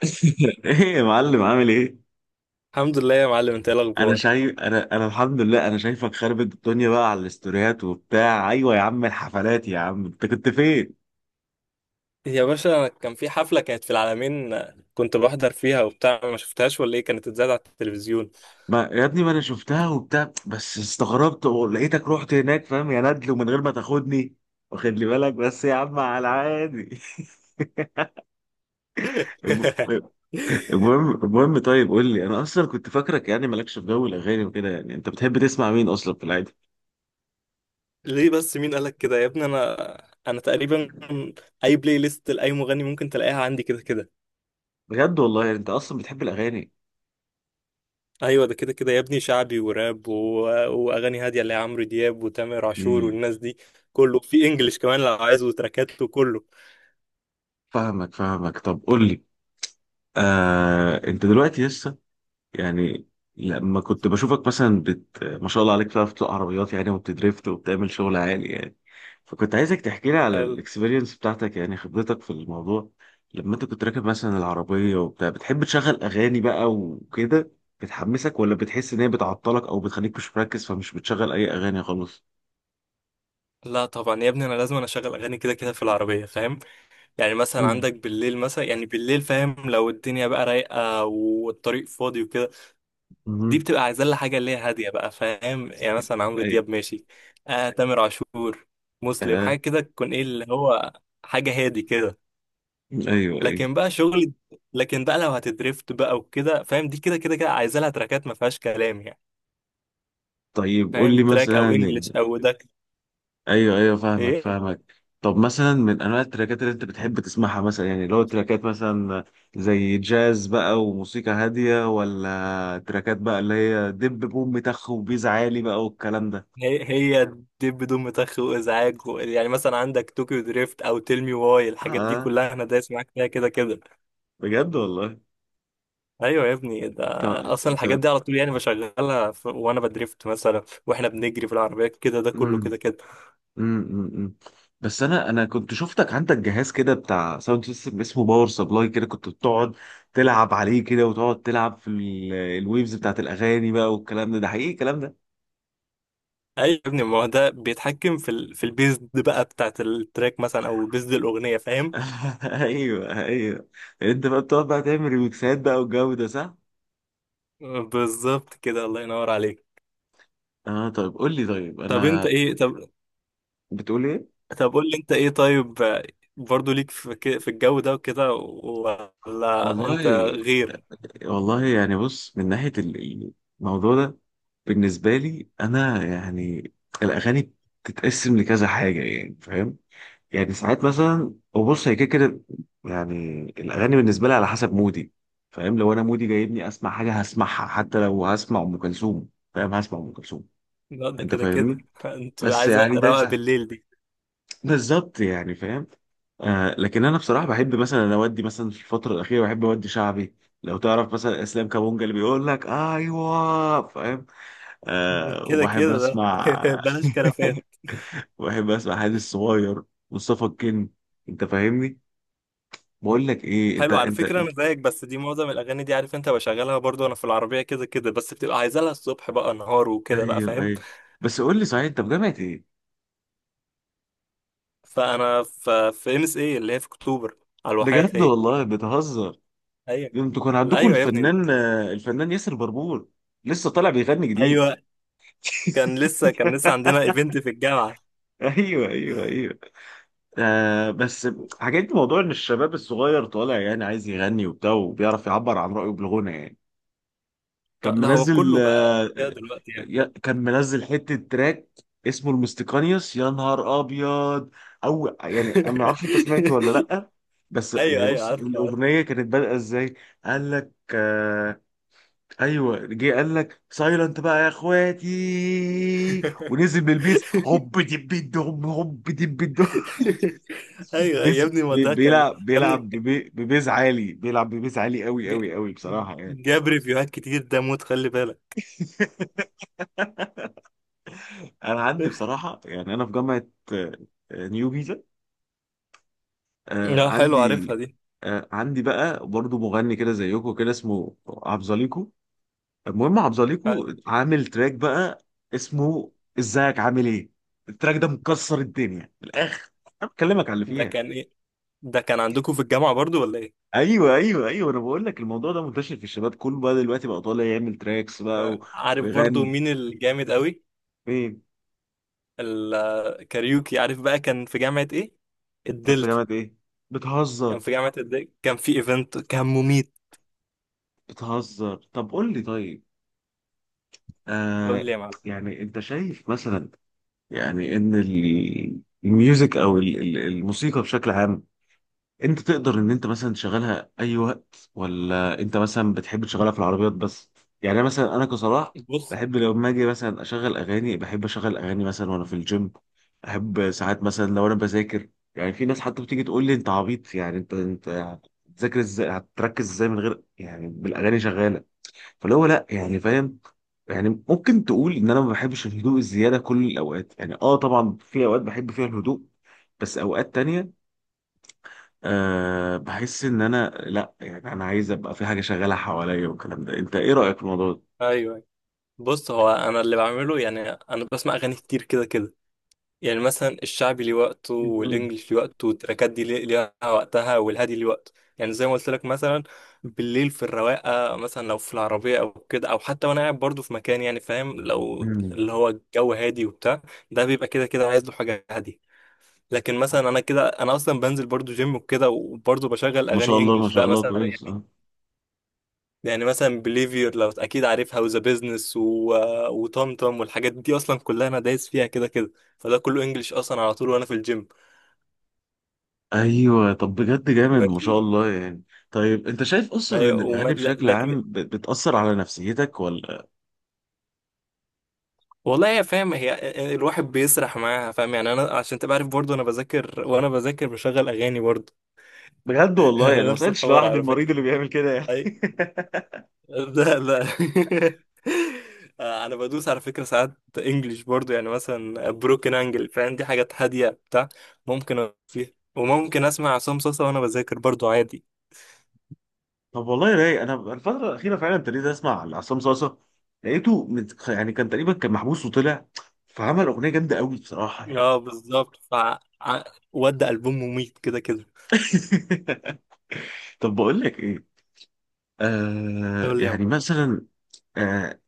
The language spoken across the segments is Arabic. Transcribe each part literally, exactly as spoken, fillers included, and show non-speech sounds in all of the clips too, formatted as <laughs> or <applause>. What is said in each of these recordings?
<laughs> ايه يا معلم، عامل ايه؟ الحمد لله يا معلم، انت ايه انا الاخبار؟ شايف انا انا الحمد لله، انا شايفك خربت الدنيا بقى على الاستوريات وبتاع. ايوه يا عم الحفلات، يا عم انت كنت فين؟ يا باشا، كان في حفله كانت في العالمين. كنت بحضر فيها وبتاع. ما شفتهاش ولا ايه؟ كانت اتذاعت على التلفزيون؟ ما يا ابني، ما انا شفتها وبتاع بس استغربت ولقيتك رحت هناك، فاهم يا ندل؟ ومن غير ما تاخدني، واخد لي بالك بس يا عم على العادي. <laughs> <laughs> الم- المهم المهم طيب قول لي، انا اصلا كنت فاكرك يعني مالكش في جو الاغاني وكده. يعني انت بتحب تسمع مين اصلا في العادي؟ ليه بس؟ مين قالك كده يا ابني؟ انا انا تقريبا اي بلاي ليست لاي مغني ممكن تلاقيها عندي كده كده. بجد والله، يعني انت اصلا بتحب الاغاني؟ ايوه، ده كده كده يا ابني، شعبي وراب و... واغاني هاديه اللي هي عمرو دياب وتامر عاشور امم والناس دي. كله في انجلش كمان لو عايز، وتراكات وكله. فاهمك فاهمك طب قول لي، آه انت دلوقتي لسه يعني، لما كنت بشوفك مثلا بت... ما شاء الله عليك، بتعرف تسوق عربيات يعني وبتدريفت وبتعمل شغل عالي يعني. فكنت عايزك تحكي لي على حلو. الاكسبيرينس بتاعتك، يعني خبرتك في الموضوع. لما انت كنت راكب مثلا العربية وبتاع، بتحب تشغل اغاني بقى وكده؟ بتحمسك، ولا بتحس ان هي بتعطلك او بتخليك مش مركز فمش بتشغل اي اغاني خالص؟ لا طبعا يا ابني، انا لازم انا اشغل اغاني كده كده في العربيه، فاهم؟ يعني مثلا مم. عندك بالليل، مثلا يعني بالليل فاهم، لو الدنيا بقى رايقة والطريق فاضي وكده، دي مهم. بتبقى عايزة لها حاجة اللي هي هادية بقى، فاهم؟ يعني مثلا عمرو ايوه. دياب ماشي، آه تامر عاشور، مسلم، حاجة آه. كده تكون ايه اللي هو حاجة هادي كده. ايوه، ايوه. لكن بقى شغل لكن بقى لو هتدريفت بقى وكده فاهم، دي كده كده كده عايزة لها تراكات ما فيهاش كلام يعني، طيب قول فاهم؟ لي تراك او مثلا. انجلش او ده. ايوه، ايوه، فاهمك ايه، فاهمك طب مثلا من انواع التراكات اللي انت بتحب تسمعها مثلا، يعني اللي هو تراكات مثلا زي جاز بقى وموسيقى هاديه، ولا تراكات بقى اللي هي دب بوم تخ وبيز عالي بقى والكلام ده؟ هي هي دب بدون متخ وازعاج، و... يعني مثلا عندك طوكيو دريفت او تيل مي واي، الحاجات دي اه. كلها انا دايس معاك فيها كده كده. بجد والله. ايوه يا ابني، ده طب. اصلا الحاجات طب دي على طول يعني بشغلها ف... وانا بدريفت مثلا، واحنا بنجري في العربيه كده، ده كله امم كده كده. امم بس انا انا كنت شفتك عندك جهاز كده بتاع ساوند سيستم اسمه باور سبلاي، كده كنت بتقعد تلعب عليه كده وتقعد تلعب في ال- الويفز بتاعت الاغاني بقى والكلام ده. ده حقيقي الكلام ده؟ ايوه يا ابني، ما هو ده بيتحكم في ال... في البيز دي بقى بتاعت التراك مثلا، او بيز دي الاغنيه، فاهم؟ <laughs> ايوه، ايوه. انت بقى بتقعد بقى تعمل ريميكسات بقى والجو ده، صح؟ بالظبط كده، الله ينور عليك. اه طيب، قول لي طيب، طب انت انا... ايه؟ طب بتقول ايه؟ طب قول لي، انت ايه طيب؟ آه، برضو ليك في ك- في الجو ده وكده، ولا انت والله، غير؟ والله يعني بص، من ناحيه ال- الموضوع ده بالنسبه لي انا يعني، الاغاني بتتقسم لكذا حاجه، يعني فاهم؟ يعني ساعات مثلا، وبص هي كده كده، يعني الاغاني بالنسبه لي على حسب مودي، فاهم؟ لو انا مودي جايبني اسمع حاجه هسمعها، حتى لو هسمع ام كلثوم، فاهم؟ هسمع ام كلثوم. لا ده انت كده كده، فاهمني؟ <laughs> انت بس عايزه يعني ده روقه بالليل دي. بالظبط يعني، فاهم. آه، لكن انا بصراحه بحب مثلا، أنا اودي مثلا في الفتره الاخيره بحب اودي شعبي. لو تعرف مثلا اسلام كابونجا اللي بيقول لك ايوه، فاهم؟ ده آه، كده وبحب كده ده. اسمع <laughs> بلاش <laughs> كرفان. بحب اسمع حادث الصغير، مصطفى الكن، انت فاهمني؟ بقول لك ايه، انت حلو على انت, فكره، انا انت... زيك، بس دي معظم الاغاني دي عارف انت بشغلها برضو، انا في العربيه كده كده، بس بتبقى عايزه لها الصبح بقى، نهار وكده بقى، ايوه، فاهم؟ ايوه. بس قول لي صحيح، انت في جامعه ايه؟ فانا في في ام اس اي اللي هي في اكتوبر على الواحات بجد هي. والله، بتهزر. ايوه. انتوا كان لا، عندكم ايوه يا ابني. الفنان، آه، الفنان ياسر بربور، لسه طالع بيغني جديد. ايوه، كان لسه كان لسه <laughs> عندنا ايفنت في الجامعه. ايوه، ايوه، ايوه. آه بس، حكيت لي موضوع ان الشباب الصغير طالع يعني عايز يغني وبتاع وبيعرف يعبر عن رأيه بالغنى يعني. كان لا لا، هو منزل كله بقى آه كده دلوقتي يعني. يا- كان منزل حتة تراك اسمه المستقانيوس، يا نهار ابيض. او يعني انا ما اعرفش انت سمعته ولا <laughs> لا. بس ايوه يعني ايوه بص، عارف عارف. الاغنيه كانت بادئه ازاي؟ قال لك آه ايوه، جه قال لك سايلنت بقى يا اخواتي، ونزل بالبيس <laughs> هوب دب دب هوب دب دب. ايوه يا بيز ابني، ما بي- ده كان بيلعب يا بيلعب ابني. ببي- ببيز عالي، بيلعب ببيز عالي قوي ج- قوي قوي بصراحة يعني. جاب ريفيوهات كتير ده، موت خلي بالك. <laughs> انا عندي <laughs> بصراحة يعني، انا في جامعة آه، آه، نيو جيزة. آه، لا حلو، عارفها عندي دي. آه، عندي بقى برضو مغني كده زيكو كده، اسمه عبزاليكو. المهم عبزاليكو عامل تراك بقى اسمه ازيك عامل ايه. التراك ده مكسر الدنيا من الاخر. انا بكلمك على اللي ده فيها. كان ايه؟ ده كان عندكم في الجامعة برضو ولا ايه؟ ايوه، ايوه، ايوه. انا بقول لك الموضوع ده منتشر في الشباب كله بقى دلوقتي، بقى طالع يعمل تراكس بقى آه، و... عارف برضو ويغني. مين الجامد قوي؟ فين؟ الكاريوكي، عارف بقى، كان في جامعة ايه، كان في الدلتا. جامعة ايه؟ كان بتهزر. في جامعة الدلتا، كان في ايفنت كان مميت. بتهزر. طب قول لي طيب. قول آه. لي يا معلم. يعني انت شايف مثلا، يعني ان ال- الميوزك، او ال- ال- الموسيقى بشكل عام، انت تقدر ان انت مثلا تشغلها اي وقت، ولا انت مثلا بتحب تشغلها في العربيات بس؟ يعني مثلا انا كصلاح، بص، بحب لو ما اجي مثلا اشغل اغاني، بحب اشغل اغاني مثلا وانا في الجيم. احب ساعات مثلا لو انا بذاكر، يعني في ناس حتى بتيجي تقول لي انت عبيط، يعني انت انت هتذاكر ازاي، هتركز ازاي من غير يعني بالاغاني شغاله؟ فاللي هو لا يعني، فاهم؟ يعني ممكن تقول ان انا ما بحبش الهدوء الزياده كل الاوقات، يعني اه طبعا في اوقات بحب فيها الهدوء، بس اوقات تانية أه بحس ان انا لا، يعني انا عايز ابقى في حاجه شغاله حواليا والكلام ده. انت ايه رايك في الموضوع ده؟ ايوه، بص هو انا اللي بعمله، يعني انا بسمع اغاني كتير كده كده. يعني مثلا الشعبي ليه وقته، مم. والانجليش ليه وقته، والتراكات دي ليه- ليها وقتها، والهادي ليه وقته. يعني زي ما قلت لك مثلا بالليل في الرواقه، مثلا لو في العربيه او كده، او حتى وانا قاعد برضه في مكان، يعني فاهم، لو مم. اللي هو الجو هادي وبتاع، ده بيبقى كده كده عايز له حاجه هاديه. لكن مثلا انا كده، انا اصلا بنزل برضه جيم وكده، وبرضه بشغل ما شاء اغاني الله، ما انجليش شاء بقى الله مثلا كويس. يعني. اه. يعني مثلا بليفير لو اكيد عارفها، وذا بيزنس و... وطمطم والحاجات دي اصلا كلها انا دايس فيها كده كده. فده كله انجليش اصلا على طول وانا في الجيم. ايوه. طب بجد جامد، ما شاء ماشي. الله يعني. طيب انت شايف اصلا هي ان وما... الاغاني لا- بشكل لكن عام ب- بتاثر على نفسيتك ولا؟ والله هي فاهم، هي الواحد بيسرح معاها، فاهم يعني، انا عشان تبقى عارف برضه، انا بذاكر، وانا بذاكر بشغل اغاني برضه. بجد <laughs> والله، يعني ما نفس طلعتش الحوار لوحدي على المريض فكرة. اللي بيعمل كده يعني. أي- <laughs> لا لا. <laughs> آه، انا بدوس على فكره ساعات انجليش برضو، يعني مثلا بروكن انجل، فاهم؟ دي حاجات هاديه بتاع، ممكن أقف فيها، وممكن اسمع عصام صاصا وانا بذاكر برضو عادي. طب والله رايق، انا الفتره الاخيره فعلا ابتديت اسمع عصام صاصا. لقيته مت... يعني كان تقريبا كان محبوس وطلع، فعمل اغنيه جامده قوي بصراحه يعني. اه بالظبط، ف ع- ودي البوم مميت كده كده. <laughs> طب بقول لك ايه، آه يقول لي يا عم. يعني مثلا، آه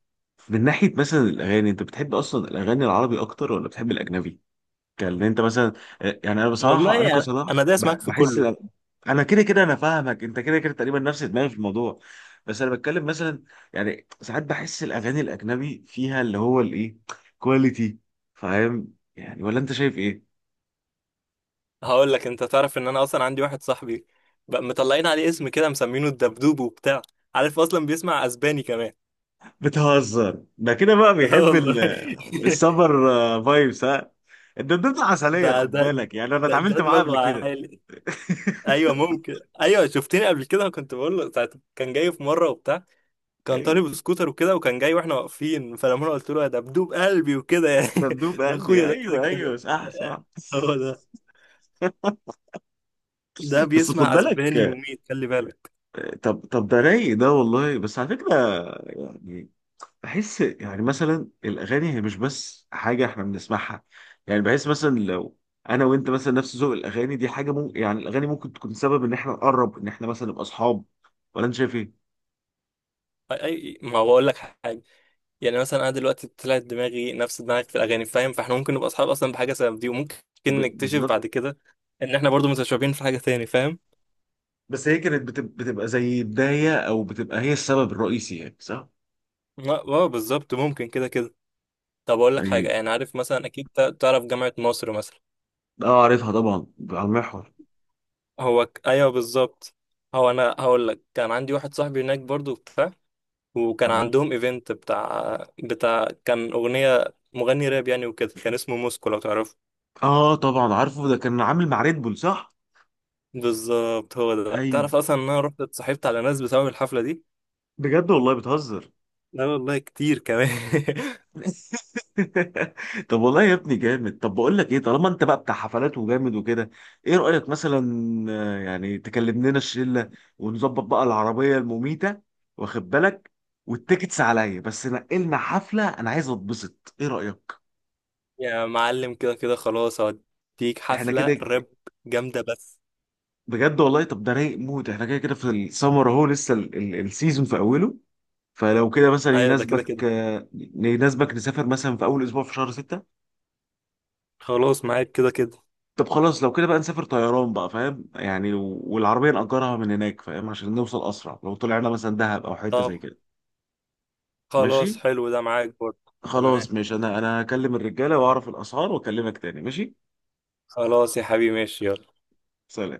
من ناحيه مثلا الاغاني، انت بتحب اصلا الاغاني العربي اكتر ولا بتحب الاجنبي؟ كان انت مثلا... آه، يعني انا والله بصراحه، انا يعني انا كصلاح دايس بح- معاك في بحس كله. إن- انا كده كده، انا فاهمك، انت كده كده تقريبا نفس دماغي في الموضوع. بس انا بتكلم مثلا، يعني ساعات بحس الاغاني الاجنبي فيها اللي هو الايه، كواليتي، فاهم يعني؟ ولا انت شايف ايه؟ هقول لك، انت تعرف ان انا اصلا عندي واحد صاحبي، بقى مطلعين عليه اسم كده مسمينه الدبدوب وبتاع، عارف اصلا بيسمع اسباني كمان. بتهزر. ده كده بقى <laughs> آه بيحب ال- والله. <laughs> السمر، آه، فايبس ها؟ الدبدوب عسلية ده خد ده بالك، يعني انا ده ده اتعاملت معاه قبل دماغه كده. عالي. <laughs> ايوه، ممكن، ايوه شفتني قبل كده كنت بقول له ساعة. كان جاي في مره وبتاع، كان أيوة، طالب سكوتر وكده، وكان جاي واحنا واقفين، فلما انا قلت له ده بدوب قلبي وكده يعني. دبدوب <laughs> ده قلبي، اخويا ده كده ايوه كده. ايوه صح صح. هو ده، ده بس خد بيسمع اسباني بالك. وميت، خلي بالك. آه، طب طب ده رايق ده والله بس، على فكرة يعني. بحس يعني مثلا الاغاني هي مش بس حاجة احنا بنسمعها، يعني بحس مثلا لو انا وانت مثلا نفس ذوق الاغاني، دي حاجة ممكن يعني الاغاني ممكن تكون سبب ان احنا نقرب، ان احنا مثلا نبقى اصحاب، ولا انت شايف ايه؟ أي- أي- ما هو بقول لك حاجه. يعني مثلا انا دلوقتي طلعت دماغي نفس دماغك في الاغاني، فاهم؟ فاحنا ممكن نبقى اصحاب اصلا بحاجه سبب دي، وممكن ب... نكتشف بالظبط بعد كده ان احنا برضو متشابهين في حاجه تاني، فاهم؟ بس هي كانت بتب... بتبقى زي بداية، أو بتبقى هي السبب الرئيسي يعني صح؟ اه آه، بالظبط، ممكن كده كده. طب اقول لك حاجه، يعني يعني عارف مثلا، اكيد تع- تعرف جامعه مصر مثلا. اه، عارفها طبعا على المحور. هو ك... ايوه بالظبط. هو انا هقول لك، كان عندي واحد صاحبي هناك برضو بتاع، وكان مم. عندهم ايفنت بتاع بتاع كان اغنيه مغني راب يعني وكده، كان اسمه موسكو لو تعرفه. اه طبعا عارفه، ده كان عامل مع ريد بول صح؟ بالظبط هو ده، تعرف ايوه. اصلا ان انا رحت اتصاحبت على ناس بسبب الحفله دي. بجد والله بتهزر. لا والله كتير كمان. <laughs> <laughs> طب والله يا ابني جامد. طب بقول لك ايه، طالما انت بقى بتاع حفلات وجامد وكده، ايه رأيك مثلا، آه، يعني تكلم لنا الشلة ونظبط بقى العربية المميتة، واخد بالك؟ والتيكتس عليا، بس نقلنا حفلة انا عايز اتبسط، ايه رأيك؟ يا معلم، كده كده خلاص هوديك احنا كده حفله ك- راب جامده بس. بجد والله طب ده رايق موت، احنا كده كده في السمر اهو، لسه ال- ال- السيزون في اوله. فلو كده مثلا ايوه ده كده كده، يناسبك، آه، يناسبك نسافر مثلا في اول اسبوع في شهر ستة؟ خلاص معاك كده كده. طب خلاص لو كده بقى نسافر طيران بقى، فاهم يعني، و- والعربية نأجرها من هناك فاهم، عشان نوصل اسرع لو طلعنا مثلا دهب او حتة زي طب كده. ماشي. خلاص حلو، ده معاك برضه تمام. خلاص ماشي، انا انا هكلم الرجالة واعرف الاسعار واكلمك تاني، ماشي. خلاص يا حبيبي، ماشي، يلا. سلام.